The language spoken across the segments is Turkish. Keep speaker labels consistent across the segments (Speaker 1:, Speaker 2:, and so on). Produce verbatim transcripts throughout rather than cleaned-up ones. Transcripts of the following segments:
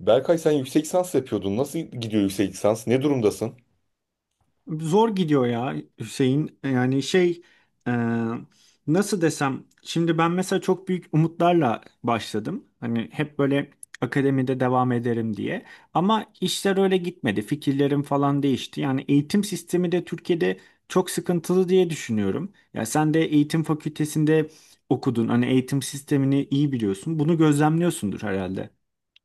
Speaker 1: Berkay sen yüksek lisans yapıyordun. Nasıl gidiyor yüksek lisans? Ne durumdasın?
Speaker 2: Zor gidiyor ya, Hüseyin. Yani şey e, nasıl desem şimdi, ben mesela çok büyük umutlarla başladım. Hani hep böyle akademide devam ederim diye. Ama işler öyle gitmedi. Fikirlerim falan değişti. Yani eğitim sistemi de Türkiye'de çok sıkıntılı diye düşünüyorum. Ya sen de eğitim fakültesinde okudun. Hani eğitim sistemini iyi biliyorsun. Bunu gözlemliyorsundur herhalde.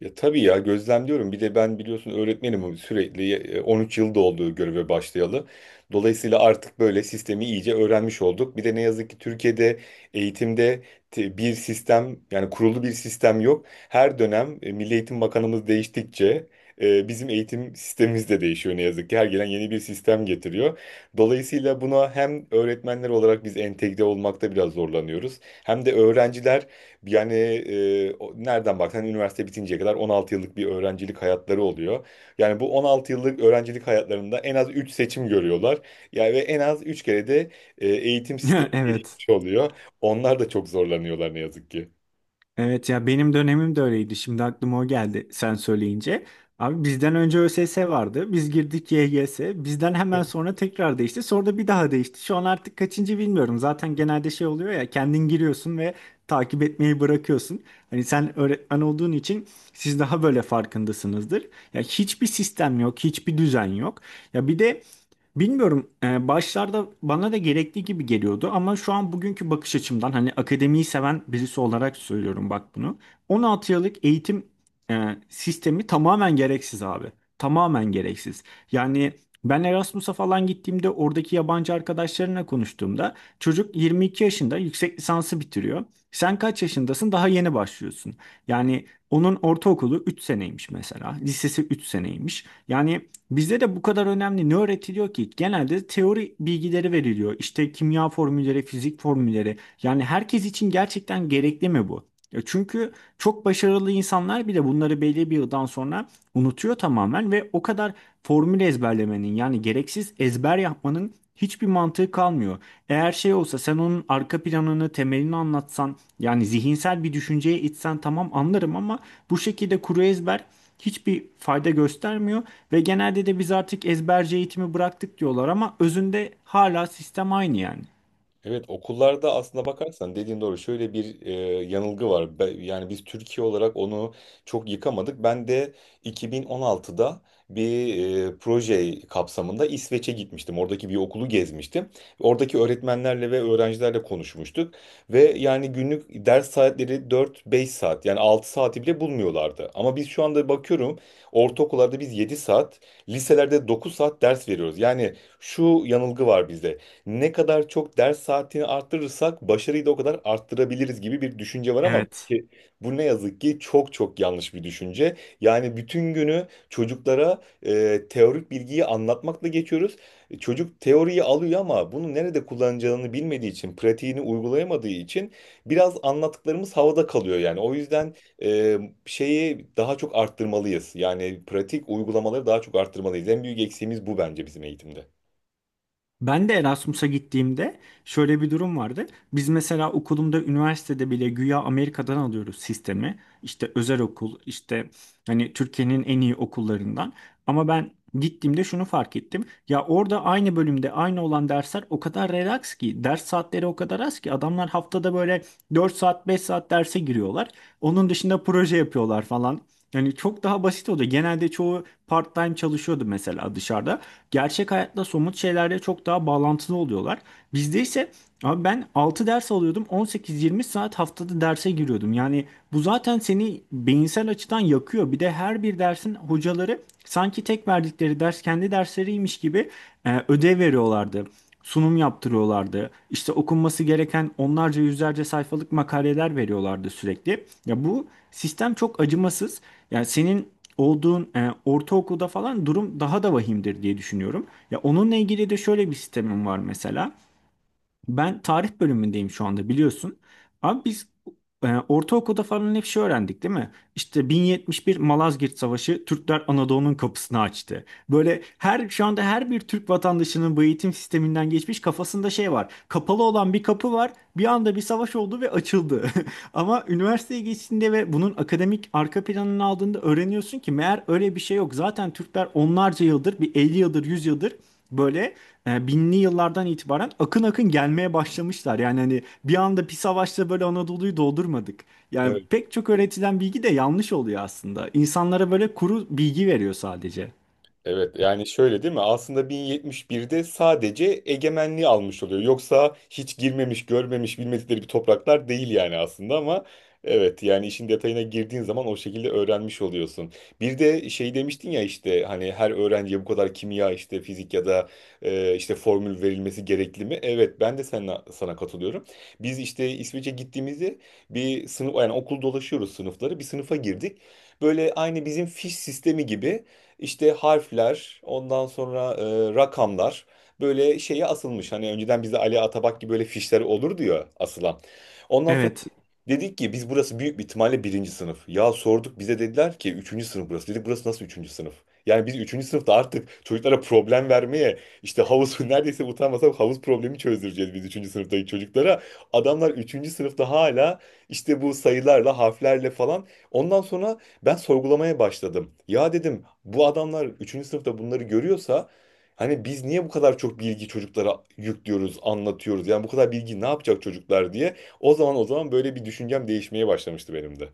Speaker 1: Ya tabii ya gözlemliyorum. Bir de ben biliyorsun öğretmenim, hani sürekli e, on üç yıl olduğu göreve başlayalı. Dolayısıyla artık böyle sistemi iyice öğrenmiş olduk. Bir de ne yazık ki Türkiye'de eğitimde te- bir sistem, yani kurulu bir sistem yok. Her dönem e, Milli Eğitim Bakanımız değiştikçe e, bizim eğitim sistemimiz de değişiyor ne yazık ki. Her gelen yeni bir sistem getiriyor. Dolayısıyla buna hem öğretmenler olarak biz entegre olmakta biraz zorlanıyoruz. Hem de öğrenciler yani e, o- nereden baksan üniversite bitinceye kadar on altı yıllık bir öğrencilik hayatları oluyor. Yani bu on altı yıllık öğrencilik hayatlarında en az üç seçim görüyorlar. Yani ve en az üç kere de e, eğitim sistemi
Speaker 2: Evet.
Speaker 1: değişmiş oluyor. Onlar da çok zorlanıyorlar ne yazık ki.
Speaker 2: Evet ya, benim dönemim de öyleydi. Şimdi aklıma o geldi sen söyleyince. Abi, bizden önce ÖSS vardı. Biz girdik Y G S. Bizden hemen sonra tekrar değişti. Sonra da bir daha değişti. Şu an artık kaçıncı bilmiyorum. Zaten genelde şey oluyor ya, kendin giriyorsun ve takip etmeyi bırakıyorsun. Hani sen öğretmen olduğun için siz daha böyle farkındasınızdır. Ya hiçbir sistem yok, hiçbir düzen yok. Ya bir de bilmiyorum. E, başlarda bana da gerekli gibi geliyordu ama şu an bugünkü bakış açımdan, hani akademiyi seven birisi olarak söylüyorum bak bunu. on altı yıllık eğitim e, sistemi tamamen gereksiz abi. Tamamen gereksiz. Yani ben Erasmus'a falan gittiğimde, oradaki yabancı arkadaşlarına konuştuğumda çocuk yirmi iki yaşında yüksek lisansı bitiriyor. Sen kaç yaşındasın? Daha yeni başlıyorsun. Yani onun ortaokulu üç seneymiş mesela. Lisesi üç seneymiş. Yani bizde de bu kadar önemli ne öğretiliyor ki? Genelde teori bilgileri veriliyor. İşte kimya formülleri, fizik formülleri. Yani herkes için gerçekten gerekli mi bu? Ya çünkü çok başarılı insanlar bile bunları belli bir yıldan sonra unutuyor tamamen ve o kadar formül ezberlemenin, yani gereksiz ezber yapmanın hiçbir mantığı kalmıyor. Eğer şey olsa, sen onun arka planını, temelini anlatsan, yani zihinsel bir düşünceye itsen tamam anlarım ama bu şekilde kuru ezber hiçbir fayda göstermiyor ve genelde de biz artık ezberci eğitimi bıraktık diyorlar ama özünde hala sistem aynı yani.
Speaker 1: Evet, okullarda aslında bakarsan dediğin doğru. Şöyle bir e, yanılgı var. Be- yani biz Türkiye olarak onu çok yıkamadık. Ben de iki bin on altıda bir e, proje kapsamında İsveç'e gitmiştim. Oradaki bir okulu gezmiştim. Oradaki öğretmenlerle ve öğrencilerle konuşmuştuk. Ve yani günlük ders saatleri dört beş saat, yani altı saati bile bulmuyorlardı. Ama biz şu anda bakıyorum, ortaokullarda biz yedi saat, liselerde dokuz saat ders veriyoruz. Yani şu yanılgı var bizde: ne kadar çok ders saatini arttırırsak başarıyı da o kadar arttırabiliriz gibi bir düşünce var. Ama
Speaker 2: Evet.
Speaker 1: ki bu ne yazık ki çok çok yanlış bir düşünce. Yani bütün günü çocuklara e, teorik bilgiyi anlatmakla geçiyoruz. E, Çocuk teoriyi alıyor ama bunu nerede kullanacağını bilmediği için, pratiğini uygulayamadığı için biraz anlattıklarımız havada kalıyor yani. O yüzden e, şeyi daha çok arttırmalıyız. Yani pratik uygulamaları daha çok arttırmalıyız. En büyük eksiğimiz bu bence bizim eğitimde.
Speaker 2: Ben de Erasmus'a gittiğimde şöyle bir durum vardı. Biz mesela okulumda, üniversitede bile güya Amerika'dan alıyoruz sistemi. İşte özel okul, işte hani Türkiye'nin en iyi okullarından. Ama ben gittiğimde şunu fark ettim. Ya orada aynı bölümde aynı olan dersler o kadar relax ki, ders saatleri o kadar az ki adamlar haftada böyle dört saat, beş saat derse giriyorlar. Onun dışında proje yapıyorlar falan. Yani çok daha basit oldu. Genelde çoğu part-time çalışıyordu mesela dışarıda. Gerçek hayatta somut şeylerle çok daha bağlantılı oluyorlar. Bizde ise abi ben altı ders alıyordum, on sekiz yirmi saat haftada derse giriyordum. Yani bu zaten seni beyinsel açıdan yakıyor. Bir de her bir dersin hocaları sanki tek verdikleri ders kendi dersleriymiş gibi e, ödev veriyorlardı. Sunum yaptırıyorlardı. İşte okunması gereken onlarca, yüzlerce sayfalık makaleler veriyorlardı sürekli. Ya bu sistem çok acımasız. Yani senin olduğun e, ortaokulda falan durum daha da vahimdir diye düşünüyorum. Ya onunla ilgili de şöyle bir sistemim var mesela. Ben tarih bölümündeyim şu anda biliyorsun. Abi biz e, ortaokulda falan hep şey öğrendik değil mi? İşte bin yetmiş bir Malazgirt Savaşı, Türkler Anadolu'nun kapısını açtı. Böyle her şu anda her bir Türk vatandaşının bu eğitim sisteminden geçmiş kafasında şey var. Kapalı olan bir kapı var. Bir anda bir savaş oldu ve açıldı. Ama üniversiteye geçtiğinde ve bunun akademik arka planını aldığında öğreniyorsun ki meğer öyle bir şey yok. Zaten Türkler onlarca yıldır, bir elli yıldır, yüz yıldır böyle e, binli yıllardan itibaren akın akın gelmeye başlamışlar. Yani hani bir anda bir savaşta böyle Anadolu'yu doldurmadık. Yani pek çok öğretilen bilgi de yanlış oluyor aslında. İnsanlara böyle kuru bilgi veriyor sadece.
Speaker 1: Evet yani şöyle değil mi? Aslında bin yetmiş birde sadece egemenliği almış oluyor. Yoksa hiç girmemiş, görmemiş, bilmedikleri bir topraklar değil yani aslında. Ama evet, yani işin detayına girdiğin zaman o şekilde öğrenmiş oluyorsun. Bir de şey demiştin ya, işte hani her öğrenciye bu kadar kimya, işte fizik ya da e, işte formül verilmesi gerekli mi? Evet, ben de sana, sana katılıyorum. Biz işte İsveç'e gittiğimizde bir sınıf, yani okul dolaşıyoruz sınıfları. Bir sınıfa girdik. Böyle aynı bizim fiş sistemi gibi işte harfler, ondan sonra e, rakamlar böyle şeye asılmış. Hani önceden bize Ali Atabak gibi böyle fişler olurdu ya asılan. Ondan sonra
Speaker 2: Evet.
Speaker 1: dedik ki biz, burası büyük bir ihtimalle birinci sınıf. Ya sorduk, bize dediler ki üçüncü sınıf burası. Dedik, burası nasıl üçüncü sınıf? Yani biz üçüncü sınıfta artık çocuklara problem vermeye, işte havuz neredeyse utanmasak havuz problemi çözdüreceğiz biz üçüncü sınıftaki çocuklara. Adamlar üçüncü sınıfta hala işte bu sayılarla harflerle falan. Ondan sonra ben sorgulamaya başladım. Ya dedim, bu adamlar üçüncü sınıfta bunları görüyorsa hani biz niye bu kadar çok bilgi çocuklara yüklüyoruz, anlatıyoruz? Yani bu kadar bilgi ne yapacak çocuklar diye. O zaman o zaman böyle bir düşüncem değişmeye başlamıştı benim de.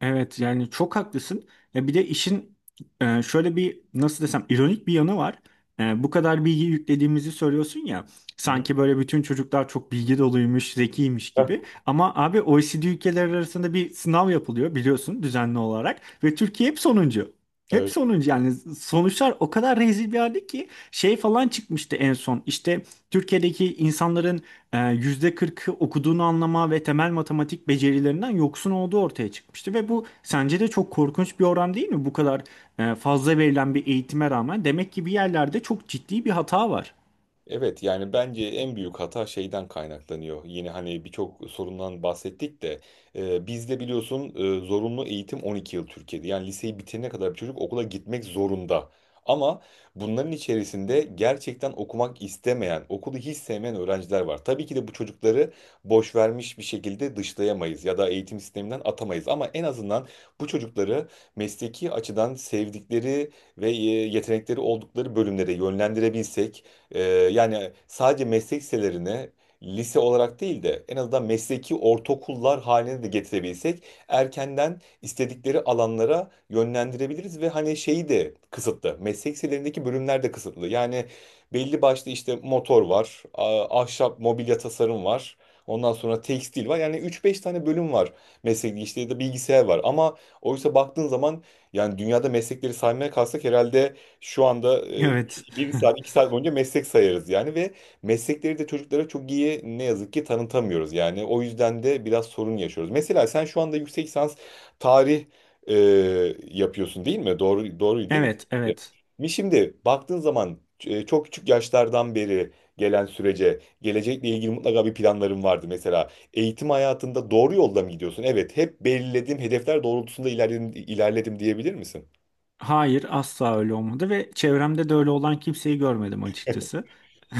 Speaker 2: Evet, yani çok haklısın. Ya bir de işin e, şöyle bir, nasıl desem, ironik bir yanı var. E, bu kadar bilgi yüklediğimizi söylüyorsun ya.
Speaker 1: Hı hı.
Speaker 2: Sanki böyle bütün çocuklar çok bilgi doluymuş, zekiymiş
Speaker 1: Heh.
Speaker 2: gibi. Ama abi, O E C D ülkeleri arasında bir sınav yapılıyor biliyorsun düzenli olarak ve Türkiye hep sonuncu. Hep
Speaker 1: Evet.
Speaker 2: sonuncu, yani sonuçlar o kadar rezil bir halde ki şey falan çıkmıştı en son. İşte Türkiye'deki insanların e, yüzde kırkı okuduğunu anlama ve temel matematik becerilerinden yoksun olduğu ortaya çıkmıştı. Ve bu sence de çok korkunç bir oran değil mi? Bu kadar e, fazla verilen bir eğitime rağmen demek ki bir yerlerde çok ciddi bir hata var.
Speaker 1: Evet, yani bence en büyük hata şeyden kaynaklanıyor. Yine hani birçok sorundan bahsettik de e, bizde biliyorsun e, zorunlu eğitim on iki yıl Türkiye'de. Yani liseyi bitirene kadar bir çocuk okula gitmek zorunda. Ama bunların içerisinde gerçekten okumak istemeyen, okulu hiç sevmeyen öğrenciler var. Tabii ki de bu çocukları boş vermiş bir şekilde dışlayamayız ya da eğitim sisteminden atamayız. Ama en azından bu çocukları mesleki açıdan sevdikleri ve e, yetenekleri oldukları bölümlere yönlendirebilsek, ee, yani sadece meslek liselerine lise olarak değil de en azından mesleki ortaokullar haline de getirebilsek erkenden istedikleri alanlara yönlendirebiliriz. Ve hani şeyi de kısıtlı. Meslek liselerindeki bölümler de kısıtlı. Yani belli başlı işte motor var, a- ahşap mobilya tasarım var. Ondan sonra tekstil var. Yani üç beş tane bölüm var. Meslek işte ya da bilgisayar var. Ama oysa baktığın zaman yani dünyada meslekleri saymaya kalksak herhalde şu anda
Speaker 2: Evet.
Speaker 1: bir saat, iki saat boyunca meslek sayarız yani. Ve meslekleri de çocuklara çok iyi ne yazık ki tanıtamıyoruz yani. O yüzden de biraz sorun yaşıyoruz. Mesela sen şu anda yüksek lisans tarih e, yapıyorsun değil mi? Doğru, doğru değil mi?
Speaker 2: Evet, evet.
Speaker 1: Mi şimdi baktığın zaman e, çok küçük yaşlardan beri gelen sürece, gelecekle ilgili mutlaka bir planların vardı. Mesela eğitim hayatında doğru yolda mı gidiyorsun? Evet, hep belirlediğim hedefler doğrultusunda ilerledim, ilerledim diyebilir misin?
Speaker 2: Hayır, asla öyle olmadı ve çevremde de öyle olan kimseyi görmedim açıkçası.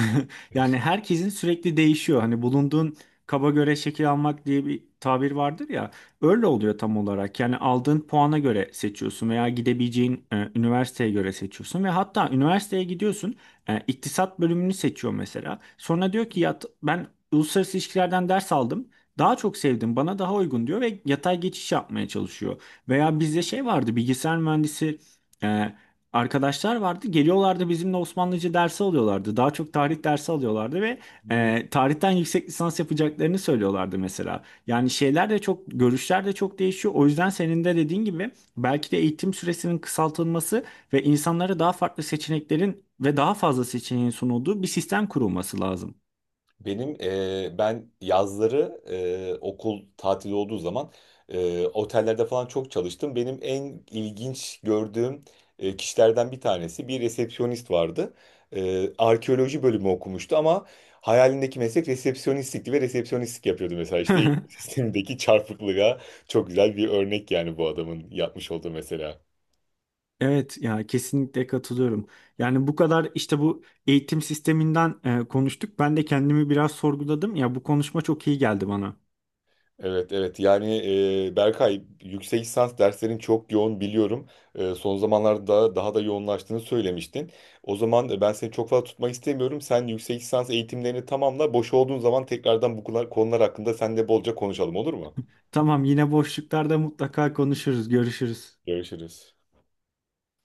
Speaker 2: Yani herkesin sürekli değişiyor. Hani bulunduğun kaba göre şekil almak diye bir tabir vardır ya. Öyle oluyor tam olarak. Yani aldığın puana göre seçiyorsun veya gidebileceğin e, üniversiteye göre seçiyorsun ve hatta üniversiteye gidiyorsun, e, iktisat bölümünü seçiyor mesela. Sonra diyor ki ya, t- ben uluslararası ilişkilerden ders aldım. Daha çok sevdim, bana daha uygun diyor ve yatay geçiş yapmaya çalışıyor. Veya bizde şey vardı, bilgisayar mühendisi ee, arkadaşlar vardı. Geliyorlardı, bizimle Osmanlıca dersi alıyorlardı. Daha çok tarih dersi alıyorlardı ve e, tarihten yüksek lisans yapacaklarını söylüyorlardı mesela. Yani şeyler de çok, görüşler de çok değişiyor. O yüzden senin de dediğin gibi belki de eğitim süresinin kısaltılması ve insanlara daha farklı seçeneklerin ve daha fazla seçeneğin sunulduğu bir sistem kurulması lazım.
Speaker 1: Benim e, ben yazları e, okul tatili olduğu zaman e, otellerde falan çok çalıştım. Benim en ilginç gördüğüm e, kişilerden bir tanesi bir resepsiyonist vardı. E, arkeoloji bölümü okumuştu ama hayalindeki meslek resepsiyonistlikti ve resepsiyonistlik yapıyordu. Mesela işte eğitim sistemindeki çarpıklığa çok güzel bir örnek yani bu adamın yapmış olduğu mesela.
Speaker 2: Evet ya, kesinlikle katılıyorum. Yani bu kadar işte bu eğitim sisteminden e, konuştuk. Ben de kendimi biraz sorguladım. Ya bu konuşma çok iyi geldi bana.
Speaker 1: Evet evet, yani e, Berkay yüksek lisans derslerin çok yoğun biliyorum. E, son zamanlarda daha da yoğunlaştığını söylemiştin. O zaman e, ben seni çok fazla tutmak istemiyorum. Sen yüksek lisans eğitimlerini tamamla. Boş olduğun zaman tekrardan bu konular, konular hakkında seninle bolca konuşalım, olur mu?
Speaker 2: Tamam, yine boşluklarda mutlaka konuşuruz, görüşürüz.
Speaker 1: Görüşürüz.